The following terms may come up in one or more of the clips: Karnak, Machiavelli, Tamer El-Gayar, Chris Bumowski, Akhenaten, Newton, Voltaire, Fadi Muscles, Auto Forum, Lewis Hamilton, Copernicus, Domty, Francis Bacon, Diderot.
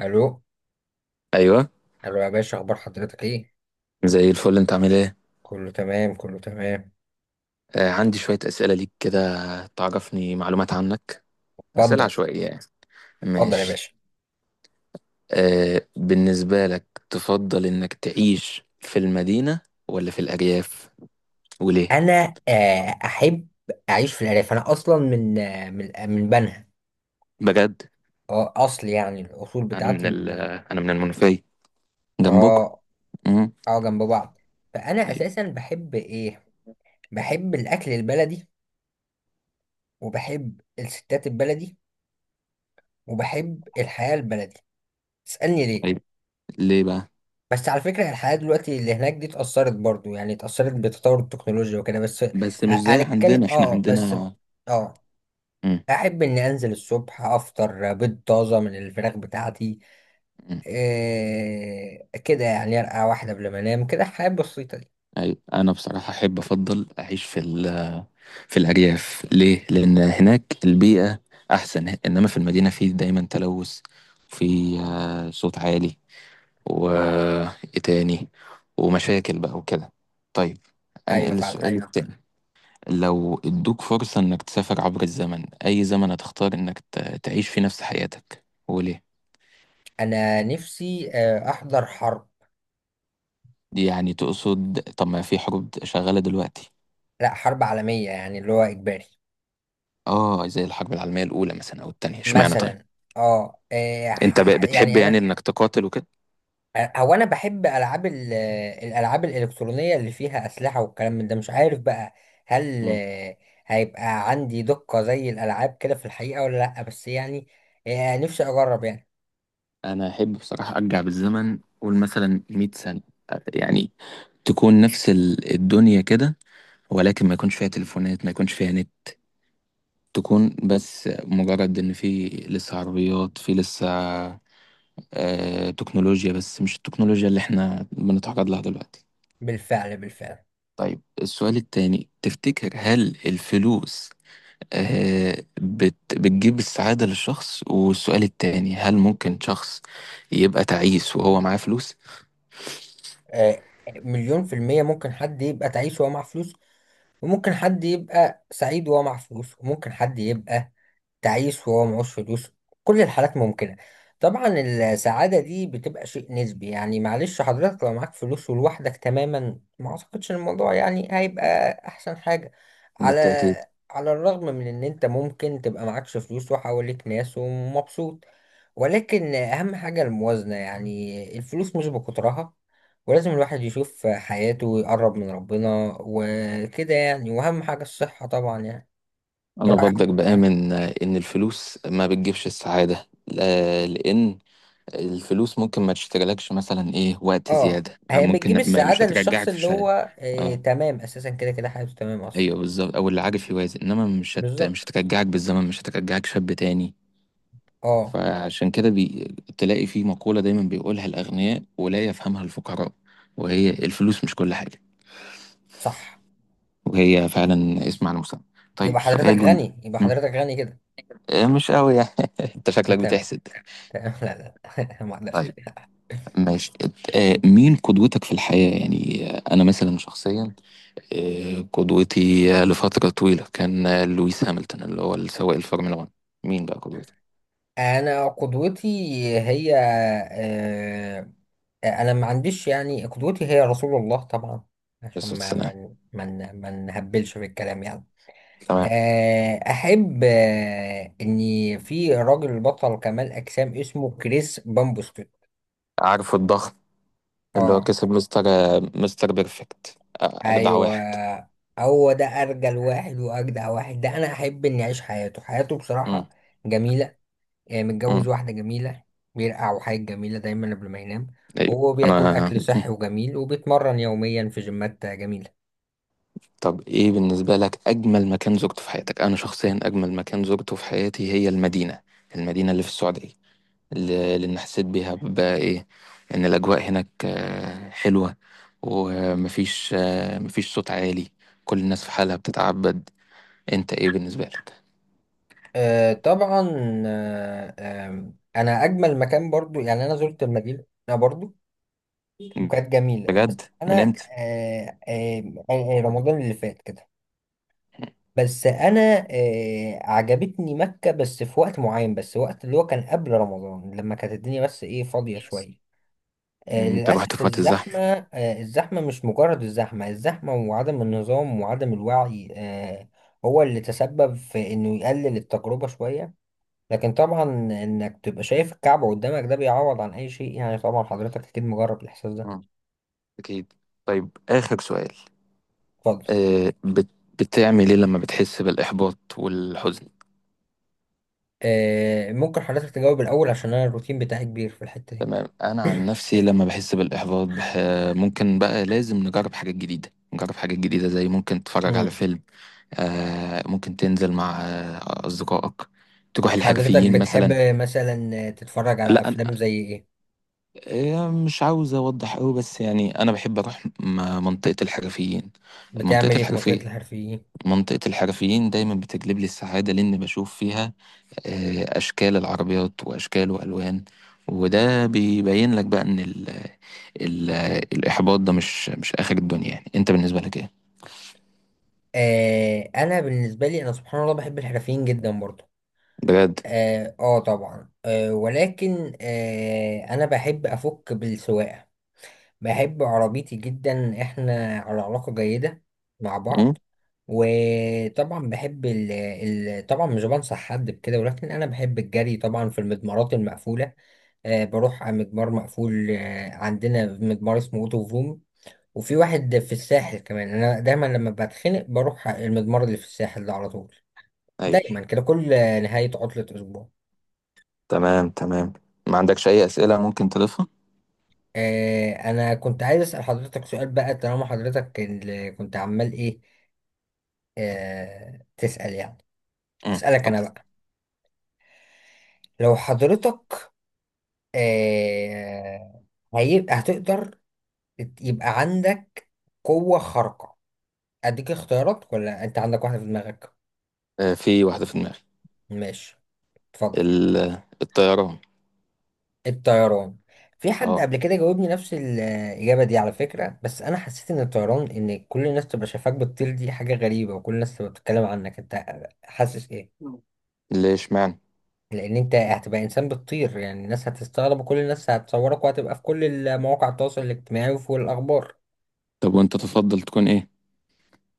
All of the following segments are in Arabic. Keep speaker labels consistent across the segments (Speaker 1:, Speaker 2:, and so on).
Speaker 1: الو.
Speaker 2: ايوه.
Speaker 1: الو يا باشا، اخبار حضرتك ايه؟
Speaker 2: زي الفل، انت عامل ايه؟
Speaker 1: كله تمام كله تمام.
Speaker 2: آه عندي شويه اسئله ليك كده، تعرفني معلومات عنك، اسئله
Speaker 1: اتفضل.
Speaker 2: عشوائيه يعني.
Speaker 1: اتفضل يا
Speaker 2: ماشي.
Speaker 1: باشا.
Speaker 2: آه بالنسبه لك، تفضل انك تعيش في المدينه ولا في الارياف، وليه؟
Speaker 1: انا احب اعيش في الارياف. انا اصلا من بنها.
Speaker 2: بجد.
Speaker 1: اه، اصل يعني الاصول
Speaker 2: انا من
Speaker 1: بتاعتي
Speaker 2: انا من المنوفيه، جنبكم.
Speaker 1: اه.
Speaker 2: امم
Speaker 1: اه جنب بعض. فانا
Speaker 2: ايوه.
Speaker 1: اساسا بحب ايه؟ بحب الاكل البلدي، وبحب الستات البلدي، وبحب الحياة البلدي. تسألني ليه؟
Speaker 2: ايوه، ليه بقى؟
Speaker 1: بس على فكرة الحياة دلوقتي اللي هناك دي اتأثرت برضو، يعني اتأثرت بتطور التكنولوجيا وكده، بس
Speaker 2: بس مش زي
Speaker 1: هنتكلم.
Speaker 2: عندنا، احنا
Speaker 1: اه بس.
Speaker 2: عندنا.
Speaker 1: اه،
Speaker 2: امم
Speaker 1: أحب إني أنزل الصبح أفطر بيض طازة من الفراخ بتاعتي. إيه كده يعني؟ أرقع واحدة قبل ما أنام كده، الحياة البسيطة دي.
Speaker 2: ايوه. انا بصراحه احب افضل اعيش في في الأرياف. ليه؟ لأن هناك البيئة أحسن، إنما في المدينة في دايما تلوث، وفي صوت عالي، وإيه تاني؟ ومشاكل بقى وكده. طيب،
Speaker 1: أيوة
Speaker 2: أنقل السؤال
Speaker 1: فعلا.
Speaker 2: ايوه التاني. لو ادوك فرصة إنك تسافر عبر الزمن، أي زمن هتختار إنك تعيش فيه نفس حياتك، وليه؟
Speaker 1: أنا نفسي أحضر حرب.
Speaker 2: يعني تقصد؟ طب ما في حروب شغالة دلوقتي.
Speaker 1: لأ، حرب عالمية يعني، اللي هو إجباري.
Speaker 2: آه زي الحرب العالمية الأولى مثلا أو التانية، اشمعنى طيب؟
Speaker 1: مثلا. اه إيه،
Speaker 2: أنت
Speaker 1: ح- ح-
Speaker 2: بتحب
Speaker 1: يعني
Speaker 2: يعني
Speaker 1: أنا،
Speaker 2: إنك تقاتل وكده؟
Speaker 1: هو انا بحب العاب الالعاب الالكترونيه اللي فيها اسلحه والكلام من ده، مش عارف بقى. هل هيبقى عندي دقه زي الالعاب كده في الحقيقه ولا لا؟ بس يعني نفسي اجرب يعني.
Speaker 2: انا احب بصراحه ارجع بالزمن، قول مثلا 100 سنه يعني، تكون نفس الدنيا كده، ولكن ما يكونش فيها تليفونات، ما يكونش فيها نت، تكون بس مجرد ان في لسه عربيات، في لسه آه تكنولوجيا، بس مش التكنولوجيا اللي احنا بنتعرض لها دلوقتي.
Speaker 1: بالفعل بالفعل.
Speaker 2: طيب، السؤال التاني، تفتكر هل الفلوس آه بتجيب السعادة للشخص؟ والسؤال التاني، هل ممكن شخص يبقى تعيس وهو معاه فلوس؟
Speaker 1: آه، مليون في المية ممكن حد يبقى تعيس وهو معاه فلوس، وممكن حد يبقى سعيد وهو معاه فلوس، وممكن حد يبقى تعيس وهو معهوش فلوس. كل الحالات ممكنة. طبعا السعادة دي بتبقى شيء نسبي، يعني معلش حضرتك لو معاك فلوس ولوحدك تماما، ما اعتقدش الموضوع يعني هيبقى احسن حاجة. على
Speaker 2: بالتأكيد.
Speaker 1: على الرغم من ان انت ممكن تبقى معكش فلوس وحواليك ناس ومبسوط، ولكن اهم حاجة الموازنة، يعني الفلوس مش بكترها، ولازم الواحد يشوف حياته ويقرب من ربنا وكده يعني، واهم حاجة الصحة طبعا يعني.
Speaker 2: أنا
Speaker 1: رأي
Speaker 2: برضك
Speaker 1: حضرتك إيه؟
Speaker 2: بآمن إن الفلوس ما بتجيبش السعادة، لأن الفلوس ممكن ما تشتريلكش مثلا إيه، وقت
Speaker 1: اه،
Speaker 2: زيادة،
Speaker 1: هي بتجيب
Speaker 2: ممكن ما مش
Speaker 1: السعادة للشخص
Speaker 2: هترجعك في
Speaker 1: اللي
Speaker 2: شيء.
Speaker 1: هو آه
Speaker 2: أه.
Speaker 1: تمام اساسا، كده كده حياته تمام اصلا.
Speaker 2: أيوه بالظبط، أو اللي عارف يوازن، إنما مش
Speaker 1: بالظبط.
Speaker 2: هترجعك بالزمن، مش هترجعك شاب تاني.
Speaker 1: اه
Speaker 2: فعشان كده تلاقي في مقولة دايما بيقولها الأغنياء ولا يفهمها الفقراء، وهي الفلوس مش كل حاجة.
Speaker 1: صح.
Speaker 2: وهي فعلا اسم على المسمى.
Speaker 1: يبقى
Speaker 2: طيب
Speaker 1: حضرتك
Speaker 2: سؤالي.
Speaker 1: غني، يبقى
Speaker 2: م.
Speaker 1: حضرتك غني كده.
Speaker 2: مش قوي يعني. انت شكلك
Speaker 1: تمام.
Speaker 2: بتحسد.
Speaker 1: تمام، لا لا. ما اقدرش.
Speaker 2: طيب ماشي. مين قدوتك في الحياة؟ يعني أنا مثلا شخصيا، قدوتي لفترة طويلة كان لويس هامilton، اللي هو السواق الفورمولا 1. مين بقى قدوتك؟
Speaker 1: انا قدوتي هي آه، انا ما عنديش. يعني قدوتي هي رسول الله طبعا، عشان
Speaker 2: بس
Speaker 1: ما
Speaker 2: السلام.
Speaker 1: ما ما ما نهبلش في الكلام يعني.
Speaker 2: تمام.
Speaker 1: احب اني في راجل بطل كمال اجسام اسمه كريس بامبوسكي.
Speaker 2: عارف الضغط، اللي هو
Speaker 1: اه.
Speaker 2: كسب مستر مستر بيرفكت، أجدع
Speaker 1: ايوه،
Speaker 2: واحد.
Speaker 1: هو ده ارجل واحد واجدع واحد. ده انا احب اني اعيش حياته. حياته
Speaker 2: مم.
Speaker 1: بصراحه جميله، يعني متجوز
Speaker 2: مم.
Speaker 1: واحده جميله، بيرقع وحاجه جميله دايما قبل ما ينام،
Speaker 2: أيوه.
Speaker 1: وهو
Speaker 2: أنا
Speaker 1: بياكل اكل
Speaker 2: مم.
Speaker 1: صحي وجميل وبيتمرن يوميا في جيمات جميله.
Speaker 2: طب إيه بالنسبة لك أجمل مكان زرته في حياتك؟ أنا شخصيا أجمل مكان زرته في حياتي هي المدينة، المدينة اللي في السعودية. لأن حسيت بيها بقى إيه، إن الأجواء هناك حلوة، ومفيش مفيش صوت عالي، كل الناس في حالها بتتعبد. أنت إيه بالنسبة لك؟
Speaker 1: آه طبعا. انا اجمل مكان برضو، يعني انا زرت المدينه برضو وكانت جميله، بس
Speaker 2: بجد؟ من
Speaker 1: انا
Speaker 2: إمتى؟
Speaker 1: رمضان اللي فات كده. بس انا عجبتني مكة بس في وقت معين، بس وقت اللي هو كان قبل رمضان لما كانت الدنيا بس ايه، فاضية شوية.
Speaker 2: مم،
Speaker 1: آه
Speaker 2: أنت رحت
Speaker 1: للأسف
Speaker 2: في وقت
Speaker 1: الزحمة.
Speaker 2: الزحمة.
Speaker 1: آه الزحمة، مش مجرد الزحمة، الزحمة وعدم النظام وعدم الوعي آه، هو اللي تسبب في انه يقلل التجربة شوية. لكن طبعا انك تبقى شايف الكعبة قدامك، ده بيعوض عن اي شيء يعني. طبعا حضرتك اكيد مجرب الاحساس ده.
Speaker 2: آه، أكيد. طيب، آخر سؤال.
Speaker 1: اتفضل.
Speaker 2: آه، بت- بتعمل إيه لما بتحس بالإحباط والحزن؟
Speaker 1: آه، ممكن حضرتك تجاوب الاول، عشان انا الروتين بتاعي كبير في الحتة
Speaker 2: تمام. أنا عن نفسي لما بحس بالإحباط ممكن بقى، لازم نجرب حاجات جديدة، نجرب حاجات جديدة، زي ممكن تتفرج
Speaker 1: دي.
Speaker 2: على فيلم، ممكن تنزل مع أصدقائك، تروح
Speaker 1: حضرتك
Speaker 2: الحرفيين
Speaker 1: بتحب
Speaker 2: مثلا.
Speaker 1: مثلا تتفرج على
Speaker 2: لا أنا
Speaker 1: افلام زي ايه؟
Speaker 2: مش عاوز أوضح أوي، بس يعني أنا بحب أروح منطقة الحرفيين.
Speaker 1: بتعمل
Speaker 2: منطقة
Speaker 1: ايه في منطقة
Speaker 2: الحرفية،
Speaker 1: الحرفيين؟
Speaker 2: منطقة الحرفيين دايما بتجلب لي السعادة، لأن بشوف فيها أشكال العربيات وأشكال وألوان، وده بيبين لك بقى إن ال الإحباط ده مش آخر الدنيا يعني. أنت بالنسبة لك إيه؟
Speaker 1: آه، انا بالنسبة لي انا سبحان الله بحب الحرفيين جدا برضو.
Speaker 2: بجد؟
Speaker 1: طبعا ولكن انا بحب افك بالسواقة. بحب عربيتي جدا، احنا على علاقة جيدة مع
Speaker 2: مم؟
Speaker 1: بعض. وطبعا بحب ال طبعا مش بنصح حد بكده، ولكن انا بحب الجري طبعا في المضمارات المقفولة. بروح على مجمار مقفول. عندنا مجمار اسمه اوتو فروم، وفي واحد في الساحل كمان. انا دايما لما بتخنق بروح على المجمار اللي في الساحل ده على طول،
Speaker 2: أيوه.
Speaker 1: دايما كده كل نهاية عطلة اسبوع.
Speaker 2: تمام تمام. ما عندكش أي أسئلة ممكن تضيفها؟
Speaker 1: انا كنت عايز اسأل حضرتك سؤال بقى، طالما حضرتك اللي كنت عمال ايه، تسأل يعني.
Speaker 2: امم،
Speaker 1: اسألك انا
Speaker 2: اتفضل.
Speaker 1: بقى، لو حضرتك آه، هتقدر يبقى عندك قوة خارقة. اديك اختيارات ولا انت عندك واحدة في دماغك؟
Speaker 2: في واحدة في دماغي.
Speaker 1: ماشي، اتفضل.
Speaker 2: ال... الطيران.
Speaker 1: الطيران. في حد
Speaker 2: اه.
Speaker 1: قبل كده جاوبني نفس الإجابة دي على فكرة، بس أنا حسيت إن الطيران، إن كل الناس تبقى شايفاك بتطير دي حاجة غريبة، وكل الناس تبقى بتتكلم عنك أنت. حاسس إيه؟
Speaker 2: ليه اشمعنى؟
Speaker 1: لأن أنت هتبقى إنسان بتطير، يعني الناس هتستغرب وكل الناس هتصورك، وهتبقى في كل مواقع التواصل الاجتماعي وفي الأخبار.
Speaker 2: طب وانت تفضل تكون ايه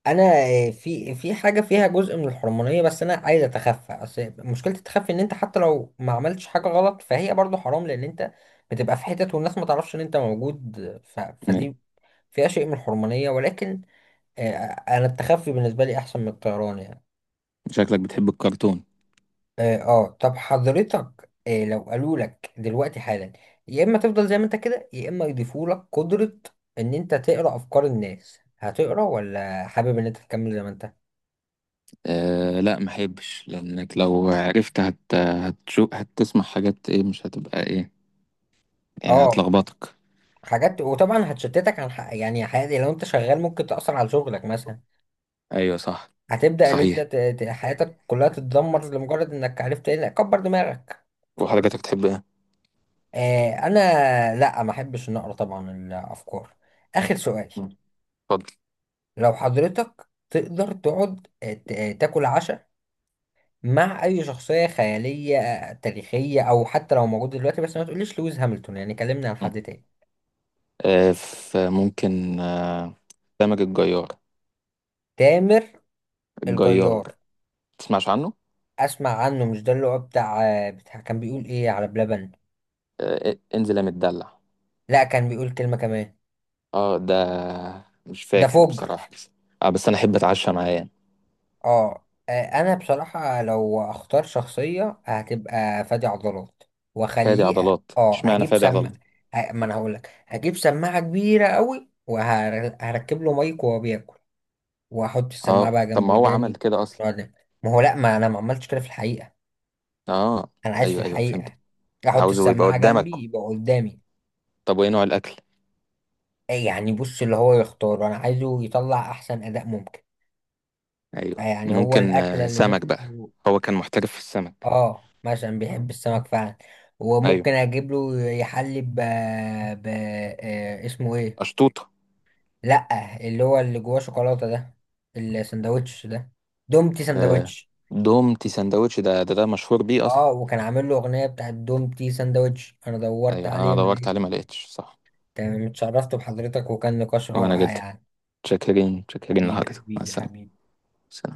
Speaker 1: انا في حاجه فيها جزء من الحرمانيه، بس انا عايز اتخفى. اصل مشكله التخفي ان انت حتى لو ما عملتش حاجه غلط، فهي برضو حرام، لان انت بتبقى في حتت والناس ما تعرفش ان انت موجود.
Speaker 2: يعني؟
Speaker 1: فدي فيها شيء من الحرمانيه، ولكن آه، انا التخفي بالنسبه لي احسن من الطيران يعني.
Speaker 2: شكلك بتحب الكرتون.
Speaker 1: اه طب حضرتك، لو قالوا لك دلوقتي حالا يا اما تفضل زي ما انت كده، يا اما يضيفوا لك قدره ان انت تقرا افكار الناس، هتقرا ولا حابب ان انت تكمل زي ما انت؟
Speaker 2: آه لا، ما احبش، لانك لو عرفت هتشوف، هتسمع حاجات ايه، مش هتبقى ايه، يعني
Speaker 1: اه
Speaker 2: هتلخبطك.
Speaker 1: حاجات، وطبعا هتشتتك عن حق يعني حياتي. لو انت شغال ممكن تأثر على شغلك مثلا،
Speaker 2: ايوه صح.
Speaker 1: هتبدأ ان انت
Speaker 2: صحيح.
Speaker 1: حياتك كلها تتدمر لمجرد انك عرفت ايه. لا، كبر دماغك. كبر.
Speaker 2: وحضرتك تحب ايه؟
Speaker 1: آه انا لا، ما احبش ان اقرا طبعا الافكار. اخر سؤال:
Speaker 2: مم. اتفضل.
Speaker 1: لو حضرتك تقدر تقعد تاكل عشاء مع اي شخصية خيالية تاريخية، او حتى لو موجود دلوقتي، بس ما تقوليش لويس هاملتون يعني، كلمنا عن
Speaker 2: مم.
Speaker 1: حد تاني.
Speaker 2: آه، فممكن آه سامج الجيار.
Speaker 1: تامر الجيار.
Speaker 2: الجيار. تسمعش عنه.
Speaker 1: اسمع عنه، مش ده اللي هو بتاع بتاع كان بيقول ايه على بلبن؟
Speaker 2: آه انزل يا متدلع.
Speaker 1: لا، كان بيقول كلمة كمان.
Speaker 2: اه ده، مش
Speaker 1: ده
Speaker 2: فاكر
Speaker 1: فجر.
Speaker 2: بصراحة. بس اه بس انا احب اتعشى معاه يعني.
Speaker 1: اه انا بصراحة لو اختار شخصية هتبقى فادي عضلات،
Speaker 2: فادي
Speaker 1: واخليه.
Speaker 2: عضلات.
Speaker 1: اه،
Speaker 2: اشمعنى
Speaker 1: هجيب
Speaker 2: فادي
Speaker 1: سم،
Speaker 2: عضلات؟
Speaker 1: ما انا هقولك، هجيب سماعة كبيرة قوي وهركب له مايك، وهو بياكل واحط
Speaker 2: اه.
Speaker 1: السماعة بقى
Speaker 2: طب
Speaker 1: جنب
Speaker 2: ما هو عمل
Speaker 1: وداني،
Speaker 2: كده اصلا.
Speaker 1: نقعد ناكل. ما هو لا، ما انا ما عملتش كده في الحقيقة،
Speaker 2: اه.
Speaker 1: انا عايش في
Speaker 2: ايوه ايوه فهمت.
Speaker 1: الحقيقة. احط
Speaker 2: عاوزه يبقى
Speaker 1: السماعة
Speaker 2: قدامك.
Speaker 1: جنبي، يبقى قدامي.
Speaker 2: طب وايه نوع الاكل؟
Speaker 1: إيه يعني؟ بص اللي هو يختار، انا عايزه يطلع احسن اداء ممكن.
Speaker 2: ايوه،
Speaker 1: يعني هو
Speaker 2: ممكن
Speaker 1: الاكله اللي
Speaker 2: سمك بقى.
Speaker 1: نفسه.
Speaker 2: هو كان محترف في السمك.
Speaker 1: اه مثلا بيحب السمك فعلا،
Speaker 2: ايوه.
Speaker 1: وممكن اجيب له يحلي ب... ب... آه، اسمه ايه؟
Speaker 2: اشطوطه.
Speaker 1: لا، اللي هو اللي جواه شوكولاته ده، الساندوتش ده، دومتي
Speaker 2: آه.
Speaker 1: ساندوتش.
Speaker 2: دومتي سندوتش، ده ده مشهور بيه اصلا.
Speaker 1: اه، وكان عامل له اغنيه بتاعت دومتي ساندوتش، انا دورت
Speaker 2: ايوه
Speaker 1: عليه
Speaker 2: انا
Speaker 1: ما
Speaker 2: دورت عليه ما
Speaker 1: لقيتش.
Speaker 2: لقيتش. صح.
Speaker 1: تمام، اتشرفت بحضرتك وكان نقاش
Speaker 2: وانا
Speaker 1: رائع
Speaker 2: جدا
Speaker 1: يعني.
Speaker 2: شاكرين، شاكرين
Speaker 1: حبيبي
Speaker 2: لحضرتك. مع
Speaker 1: حبيبي
Speaker 2: السلامه.
Speaker 1: حبيبي.
Speaker 2: سلام.